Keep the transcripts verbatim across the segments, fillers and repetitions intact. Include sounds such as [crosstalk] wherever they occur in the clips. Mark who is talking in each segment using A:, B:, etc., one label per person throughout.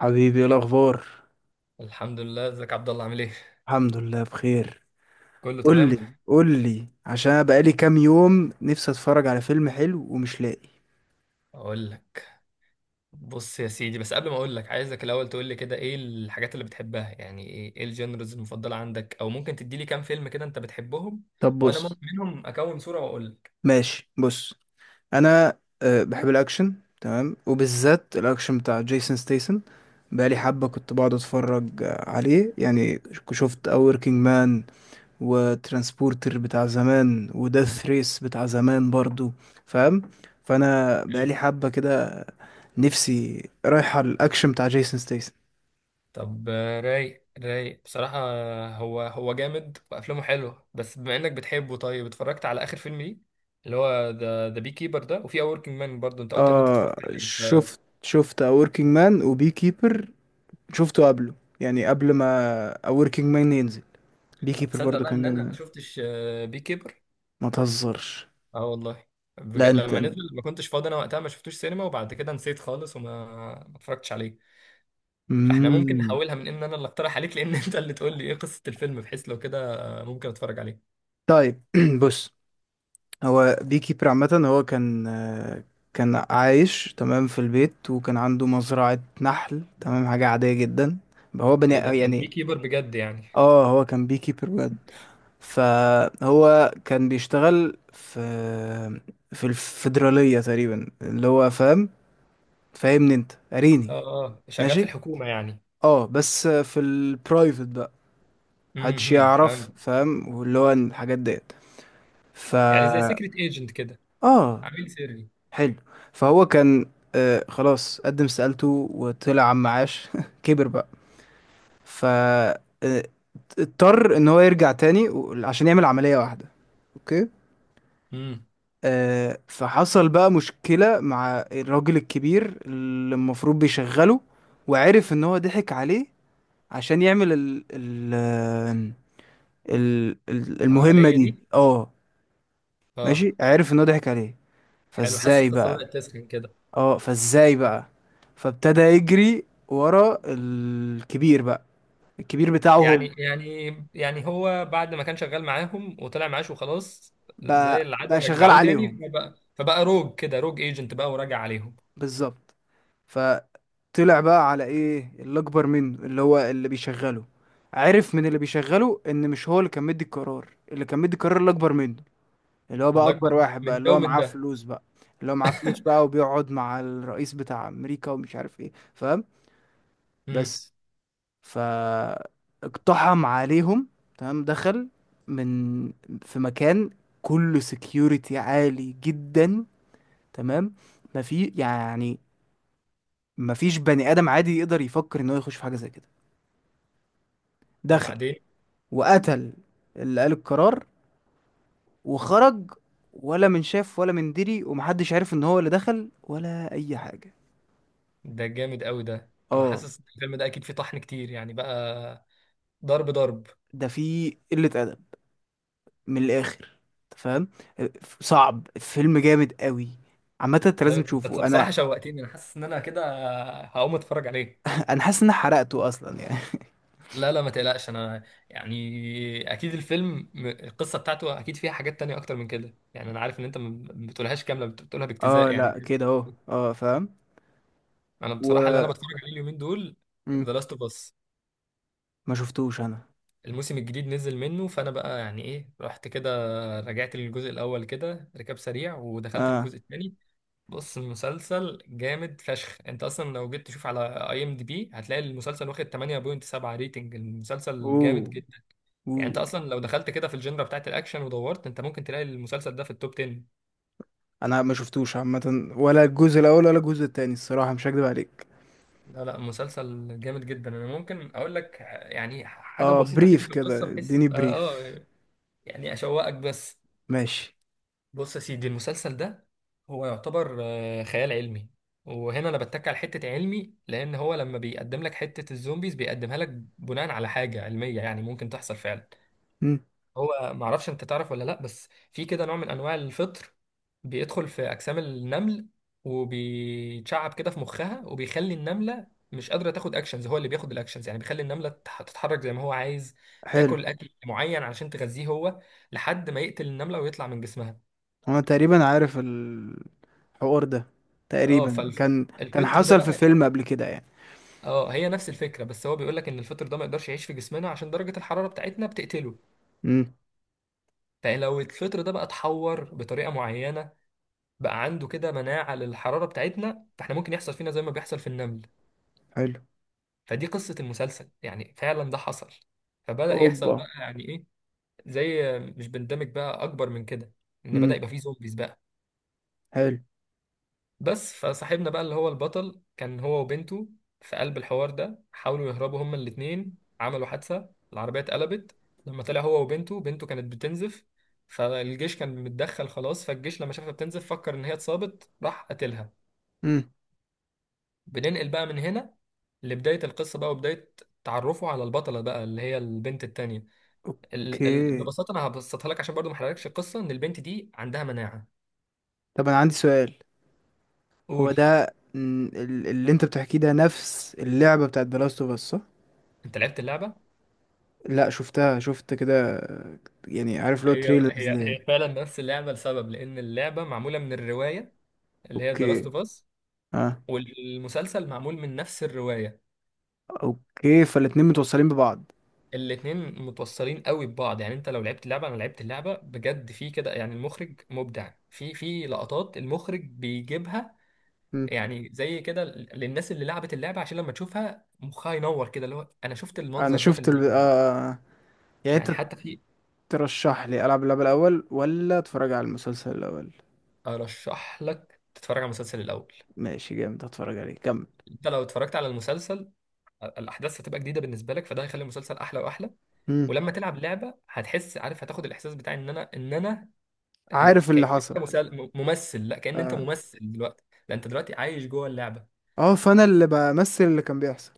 A: حبيبي، ايه الاخبار؟
B: الحمد لله. ازيك يا عبد الله، عامل ايه؟
A: الحمد لله بخير.
B: كله
A: قول
B: تمام.
A: لي قول لي، عشان أنا بقالي كام يوم نفسي اتفرج على فيلم حلو ومش لاقي.
B: اقول لك. بص يا سيدي، بس قبل ما اقول لك عايزك الاول تقول لي كده ايه الحاجات اللي بتحبها، يعني ايه ايه الجنرز المفضله عندك، او ممكن تدي لي كام فيلم كده انت بتحبهم،
A: طب
B: وانا ممكن
A: بص.
B: منهم اكون صوره واقول لك.
A: ماشي بص. انا أه بحب الاكشن. تمام، وبالذات الاكشن بتاع جيسون ستيسن. بقالي حبة كنت بقعد اتفرج آه، عليه، يعني ك- شفت اوركينج مان وترانسبورتر بتاع زمان وداث ريس بتاع زمان برضو، فاهم؟ فانا
B: حلو.
A: بقالي حبة كده نفسي رايحة الاكشن بتاع جيسون ستيسن.
B: طب آه، رايق رايق بصراحه، آه، هو هو جامد وافلامه حلوه، بس بما انك بتحبه، طيب اتفرجت على اخر فيلم ليه؟ اللي هو ذا ذا بي كيبر ده، وفي اور وركينج مان برضه انت قلت ان انت
A: اه،
B: اتفرجت عليه ف-
A: شفت شفت A Working Man و Bee Keeper. شفته قبله، يعني قبل ما A Working Man ينزل. بي
B: طب
A: كيبر
B: تصدق
A: برضه
B: بقى
A: كان
B: ان انا
A: جامد
B: ما
A: أوي.
B: شفتش بي كيبر؟
A: ما تهزرش.
B: اه والله.
A: لا
B: بجد،
A: انت.
B: لما نزل ما كنتش فاضي. انا وقتها ما شفتوش سينما، وبعد كده نسيت خالص، وما ما اتفرجتش عليه. فاحنا ممكن
A: امم.
B: نحولها من ان انا اللي اقترح عليك، لان [laughs] انت اللي تقول لي ايه قصة الفيلم، بحيث لو كده ممكن اتفرج عليه.
A: طيب، [clears throat] بص، هو بي كيبر عامة هو كان آه، كان عايش تمام في البيت، وكان عنده مزرعة نحل، تمام، حاجة عادية جدا، هو بني
B: ايه ده، كان بي
A: يعني.
B: كيبر بجد يعني؟
A: اه، هو كان بي كيبر بجد. فهو كان بيشتغل في في الفيدرالية تقريبا، اللي هو فاهم، فاهمني انت قاريني؟
B: اه، اه، شغال في
A: ماشي.
B: الحكومة يعني.
A: اه، بس في البرايفت بقى محدش
B: امم
A: يعرف،
B: فاهم.
A: فاهم؟ واللي هو الحاجات ديت. ف
B: يعني زي سيكريت ايجنت كده.
A: اه
B: عميل سري.
A: حلو. فهو كان، آه خلاص، قدم استقالته وطلع عم معاش [laughs] كبر بقى. ف آه، اضطر ان هو يرجع تاني و- عشان يعمل عملية واحدة. اوكي.
B: امم
A: آه، فحصل بقى مشكلة مع الراجل الكبير اللي المفروض بيشغله، وعرف ان هو ضحك عليه عشان يعمل ال ال ال ال- المهمة
B: العملية
A: دي،
B: دي،
A: اه.
B: اه.
A: ماشي، عرف ان هو ضحك عليه.
B: حلو، حاسس
A: فازاي
B: القصة
A: بقى؟
B: بدأت تسخن كده.
A: اه، فازاي بقى؟ فابتدى يجري ورا الكبير بقى، الكبير بتاعه هو،
B: يعني يعني يعني هو بعد ما كان شغال معاهم وطلع معاش وخلاص، زي
A: بقى
B: العادة
A: بقى شغال
B: رجعوه تاني،
A: عليهم.
B: فبقى فبقى روج كده، روج ايجنت بقى وراجع عليهم.
A: بالظبط. طلع بقى على ايه اللي اكبر منه، اللي هو اللي بيشغله. عرف من اللي بيشغله ان مش هو اللي كان مدي القرار، اللي كان مدي القرار اللي اكبر منه، اللي هو بقى اكبر
B: الأكبر
A: واحد بقى،
B: من
A: اللي
B: ده
A: هو
B: ومن
A: معاه
B: ده.
A: فلوس بقى اللي هو معاه فلوس بقى،
B: [laughs]
A: وبيقعد مع الرئيس بتاع امريكا ومش عارف ايه، فاهم؟
B: امم
A: بس. ف اقتحم عليهم، تمام، دخل من في مكان كله سكيورتي عالي جدا، تمام، ما في يعني ما فيش بني ادم عادي يقدر يفكر ان هو يخش في حاجه زي كده. دخل
B: وبعدين؟
A: وقتل اللي قال القرار وخرج، ولا من شاف ولا من دري، ومحدش عارف ان هو اللي دخل ولا اي حاجة.
B: ده جامد قوي ده. انا
A: اه،
B: حاسس إن الفيلم ده اكيد فيه طحن كتير يعني بقى. ضرب ضرب.
A: ده في قلة ادب من الاخر، أنت فاهم؟ صعب، فيلم جامد قوي، عامة انت لازم
B: طيب انت
A: تشوفه.
B: بصراحة
A: انا
B: شوقتني، انا حاسس ان انا كده هقوم اتفرج عليه.
A: [laughs] انا حاسس ان أنا حرقته اصلا يعني.
B: لا، لا، ما تقلقش، انا يعني اكيد الفيلم م- القصه بتاعته اكيد فيها حاجات تانية اكتر من كده يعني. انا عارف ان انت ما بتقولهاش كامله، بت- بتقولها
A: [laughs] اه
B: باجتزاء يعني.
A: لا، كده اهو، اه فاهم.
B: انا بصراحه اللي انا
A: و
B: بتفرج عليه اليومين دول
A: مم.
B: ذا لاست اوف اس.
A: ما شفتوش انا.
B: الموسم الجديد نزل منه، فانا بقى يعني ايه، رحت كده رجعت للجزء الاول كده ركاب سريع، ودخلت في
A: اه.
B: الجزء الثاني. بص، المسلسل جامد فشخ. انت اصلا لو جيت تشوف على اي ام دي بي هتلاقي المسلسل واخد ثمانية وسبعة من عشرة ريتنج. المسلسل
A: اوه.
B: جامد جدا. يعني
A: اوه.
B: انت اصلا لو دخلت كده في الجنرا بتاعت الاكشن ودورت، انت ممكن تلاقي المسلسل ده في التوب عشرة.
A: انا ما شفتوش عامة، ولا الجزء الاول ولا الجزء التاني، الصراحة مش هكدب عليك.
B: لا، لا، مسلسل جامد جدا، انا ممكن اقول لك يعني حاجه
A: اه،
B: بسيطه كده
A: بريف
B: في القصه
A: كده،
B: بحيث
A: اديني
B: يبقى،
A: بريف.
B: اه، يعني اشوقك بس.
A: ماشي.
B: بص يا سيدي، المسلسل ده هو يعتبر آه، خيال علمي. وهنا انا بتك على حته علمي، لان هو لما بيقدم لك حته الزومبيز بيقدمها لك بناء على حاجه علميه يعني ممكن تحصل فعلا.
A: مم.
B: هو معرفش انت تعرف ولا لا، بس في كده نوع من انواع الفطر بيدخل في اجسام النمل، وبيتشعب كده في مخها، وبيخلي النمله مش قادره تاخد اكشنز، هو اللي بياخد الاكشنز، يعني بيخلي النمله تتح- تتحرك زي ما هو عايز،
A: حلو.
B: تاكل اكل معين علشان تغذيه هو، لحد ما يقتل النمله ويطلع من جسمها.
A: انا تقريبا عارف الحوار ده،
B: اه،
A: تقريبا كان كان
B: فالفطر ده
A: حصل في
B: بقى،
A: فيلم قبل كده يعني.
B: اه، هي نفس الفكره، بس هو بيقول لك ان الفطر ده ما يقدرش يعيش في جسمنا عشان درجه الحراره بتاعتنا بتقتله.
A: مم.
B: فلو الفطر ده بقى اتحور بطريقه معينه، بقى عنده كده مناعة للحرارة بتاعتنا، فاحنا ممكن يحصل فينا زي ما بيحصل في النمل.
A: حلو.
B: فدي قصة المسلسل، يعني فعلا ده حصل، فبدأ يحصل
A: اوبا.
B: بقى يعني ايه، زي مش بندمج بقى اكبر من كده، ان بدأ
A: مم.
B: يبقى فيه زومبيز بقى.
A: حلو.
B: بس فصاحبنا بقى اللي هو البطل كان هو وبنته في قلب الحوار ده، حاولوا يهربوا هما الاتنين، عملوا حادثة، العربية اتقلبت. لما طلع هو وبنته، بنته كانت بتنزف، فالجيش كان متدخل خلاص، فالجيش لما شافها بتنزف فكر ان هي اتصابت، راح قتلها.
A: مم.
B: بننقل بقى من هنا لبداية القصة بقى، وبداية تعرفه على البطلة بقى اللي هي البنت التانية. ال... ال...
A: اوكي.
B: ببساطة أنا هبسطها لك عشان برضو ما أحرقلكش القصة، إن البنت دي عندها مناعة.
A: طب انا عندي سؤال. هو
B: قول.
A: ده مم، ال- اللي انت بتحكيه ده نفس اللعبة بتاعت The Last of Us، صح؟
B: أنت لعبت اللعبة؟
A: لا، شفتها، شفت كده، يعني عارف لو
B: هي
A: تريلرز
B: هي
A: ليها.
B: هي فعلا نفس اللعبة لسبب، لأن اللعبة معمولة من الرواية اللي هي ذا لاست
A: اوكي.
B: أوف أس.
A: اه.
B: والمسلسل معمول من نفس الرواية.
A: اوكي، فالاتنين متوصلين ببعض.
B: الاتنين متوصلين قوي ببعض، يعني انت لو لعبت اللعبة، انا لعبت اللعبة بجد في كده، يعني المخرج مبدع في في لقطات المخرج بيجيبها، يعني زي كده للناس اللي لعبت اللعبه، عشان لما تشوفها مخها ينور كده، اللي هو انا شفت
A: انا
B: المنظر ده في
A: شفت ال...
B: اللعبه.
A: آه... يعني
B: يعني
A: انت
B: حتى في.
A: ترشح لي العب اللعبة الاول ولا اتفرج على المسلسل الاول؟
B: ارشح لك تتفرج على المسلسل الاول.
A: ماشي، جامد، اتفرج عليه، كمل.
B: انت لو اتفرجت على المسلسل، الاحداث هتبقى جديده بالنسبه لك، فده هيخلي المسلسل احلى واحلى.
A: مم.
B: ولما تلعب لعبه هتحس، عارف، هتاخد الاحساس بتاع ان انا ان انا ال-
A: عارف
B: كأن
A: اللي
B: انت
A: حصل.
B: مسل- ممثل، لا كأن انت
A: اه،
B: ممثل دلوقتي. لا، انت دلوقتي عايش جوه اللعبه.
A: آه، فانا اللي بمثل اللي كان بيحصل.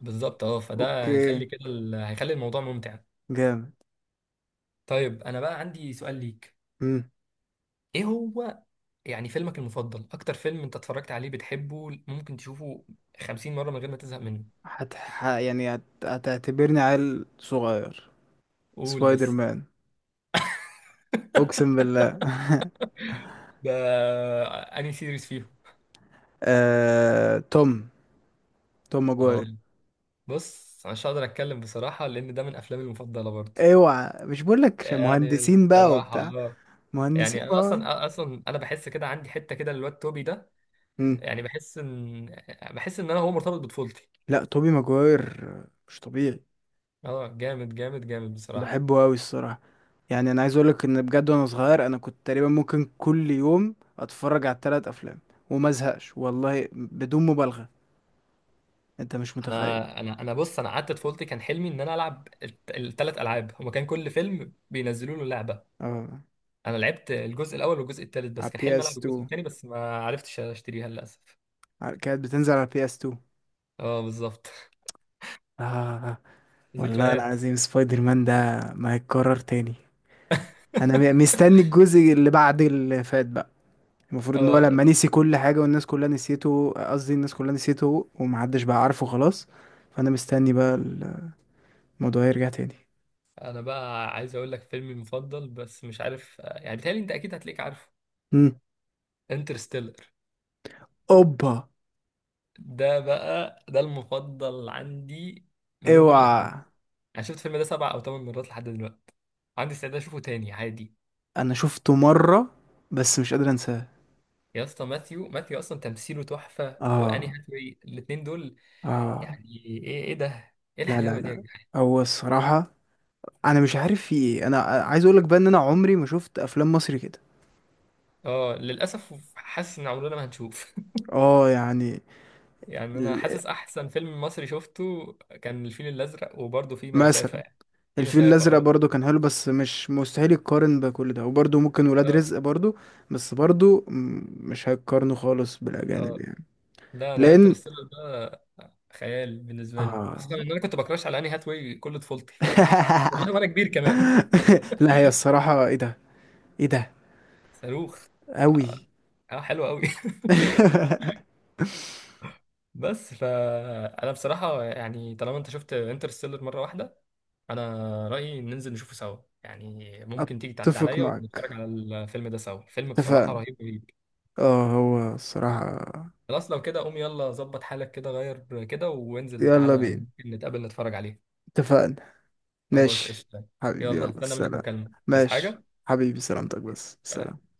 B: بالظبط، اه، فده
A: اوكي،
B: هيخلي كده ال- هيخلي الموضوع ممتع.
A: جامد.
B: طيب انا بقى عندي سؤال ليك.
A: مم.
B: ايه هو؟ يعني فيلمك المفضل، اكتر فيلم انت اتفرجت عليه بتحبه ممكن تشوفه خمسين مرة من غير ما تزهق منه؟
A: هت... ح... يعني هت... هتعتبرني عيل صغير.
B: قول
A: سبايدر
B: بس.
A: مان، اقسم بالله. [laughs]
B: ده انهي سيريز فيهم؟
A: آه... توم، توم
B: اه،
A: ماجواير.
B: بص أنا مش هقدر اتكلم بصراحة، لان ده من افلامي المفضلة برضه.
A: اوعى مش بقول لك
B: يعني
A: مهندسين بقى
B: بصراحة
A: وبتاع،
B: اه،
A: مهندسين
B: يعني انا
A: بقى.
B: اصلا اصلا انا بحس كده عندي حتة كده للواد توبي ده.
A: مم.
B: يعني بحس ان بحس ان انا هو مرتبط بطفولتي.
A: لا، توبي ماجواير مش طبيعي،
B: اه، جامد جامد جامد بصراحة.
A: بحبه قوي الصراحه. يعني انا عايز اقولك ان بجد وانا صغير انا كنت تقريبا ممكن كل يوم اتفرج على الثلاث افلام وما ازهقش، والله بدون مبالغه، انت مش متخيل.
B: انا انا انا بص، انا قعدت طفولتي كان حلمي ان انا العب الثلاث العاب هما، كان كل فيلم بينزلوا له لعبه.
A: اه،
B: انا لعبت الجزء الاول والجزء الثالث، بس
A: على
B: كان
A: بي
B: حلمي
A: اس
B: العب
A: تو،
B: الجزء الثاني، بس ما عرفتش اشتريها للاسف.
A: على- كانت بتنزل على بي اس اتنين.
B: اه، بالظبط.
A: اه،
B: [laughs]
A: والله
B: ذكريات.
A: العظيم، سبايدر مان ده ما هيتكرر تاني. انا م-
B: [laughs]
A: مستني الجزء اللي بعد اللي فات بقى، المفروض ان هو
B: اه.
A: لما نسي كل حاجه والناس كلها نسيته، قصدي الناس كلها نسيته ومحدش بقى عارفه خلاص، فانا مستني بقى الموضوع يرجع تاني.
B: انا بقى عايز اقول لك فيلمي المفضل، بس مش عارف، يعني بيتهيألي انت اكيد هتلاقيك عارفه. انترستيلر.
A: اوبا.
B: ده بقى، ده المفضل عندي ما بين كل الافلام.
A: اوعى.
B: انا شفت الفيلم ده سبع او ثمان مرات لحد دلوقتي، عندي استعداد اشوفه تاني عادي.
A: انا شفته مرة بس مش قادر انساه.
B: يا اسطى! ماثيو، ماثيو اصلا تمثيله تحفه، واني
A: اه.
B: هاثاواي، الاثنين دول،
A: اه.
B: يعني ايه ايه ده، ايه
A: لا لا
B: الحلاوه دي يا.
A: لا، هو الصراحة انا مش عارف في ايه. انا عايز اقولك بقى ان انا عمري ما شفت افلام مصري كده.
B: اه للاسف، حاسس ان عمرنا ما هنشوف.
A: اه يعني
B: [laughs] يعني انا
A: ال-
B: حاسس احسن فيلم مصري شفته كان الفيل الازرق، وبرضه في مسافه
A: مثلا
B: يعني، في
A: الفيل
B: مسافه،
A: الازرق
B: اه،
A: برضو كان حلو، بس مش مستحيل يتقارن بكل ده، وبرضو ممكن ولاد
B: اه،
A: رزق برضو، بس برضو م- مش هيتقارنوا خالص بالاجانب
B: اه.
A: يعني،
B: لا، انا
A: لان،
B: انترستيلر ده خيال بالنسبه لي، خصوصا
A: اه.
B: ان انا كنت بكراش على اني هاتواي كل طفولتي، ف [laughs] والله وانا
A: [laughs]
B: كبير كمان.
A: لا، هي الصراحة ايه ده، ايه ده
B: [laughs] صاروخ.
A: أوي.
B: اه، حلو قوي. [laughs]
A: [laughs]
B: بس فانا بصراحه يعني طالما انت شفت انترستيلر مره واحده، انا رايي ننزل نشوفه سوا، يعني ممكن تيجي تعدي
A: أتفق
B: عليا
A: معك،
B: ونتفرج على الفيلم ده سوا. الفيلم بصراحه
A: اتفقنا.
B: رهيب رهيب.
A: اه، هو الصراحة
B: خلاص لو كده، قوم يلا، ظبط حالك كده، غير كده وانزل
A: يلا
B: تعالى
A: بينا.
B: ممكن نتقابل نتفرج عليه.
A: اتفقنا،
B: خلاص،
A: ماشي.
B: قشطه.
A: حبيبي،
B: يلا،
A: يلا
B: هستنى منك
A: سلام.
B: مكالمه. بس
A: ماشي،
B: حاجه.
A: حبيبي، سلامتك، بس
B: سلام.
A: سلام.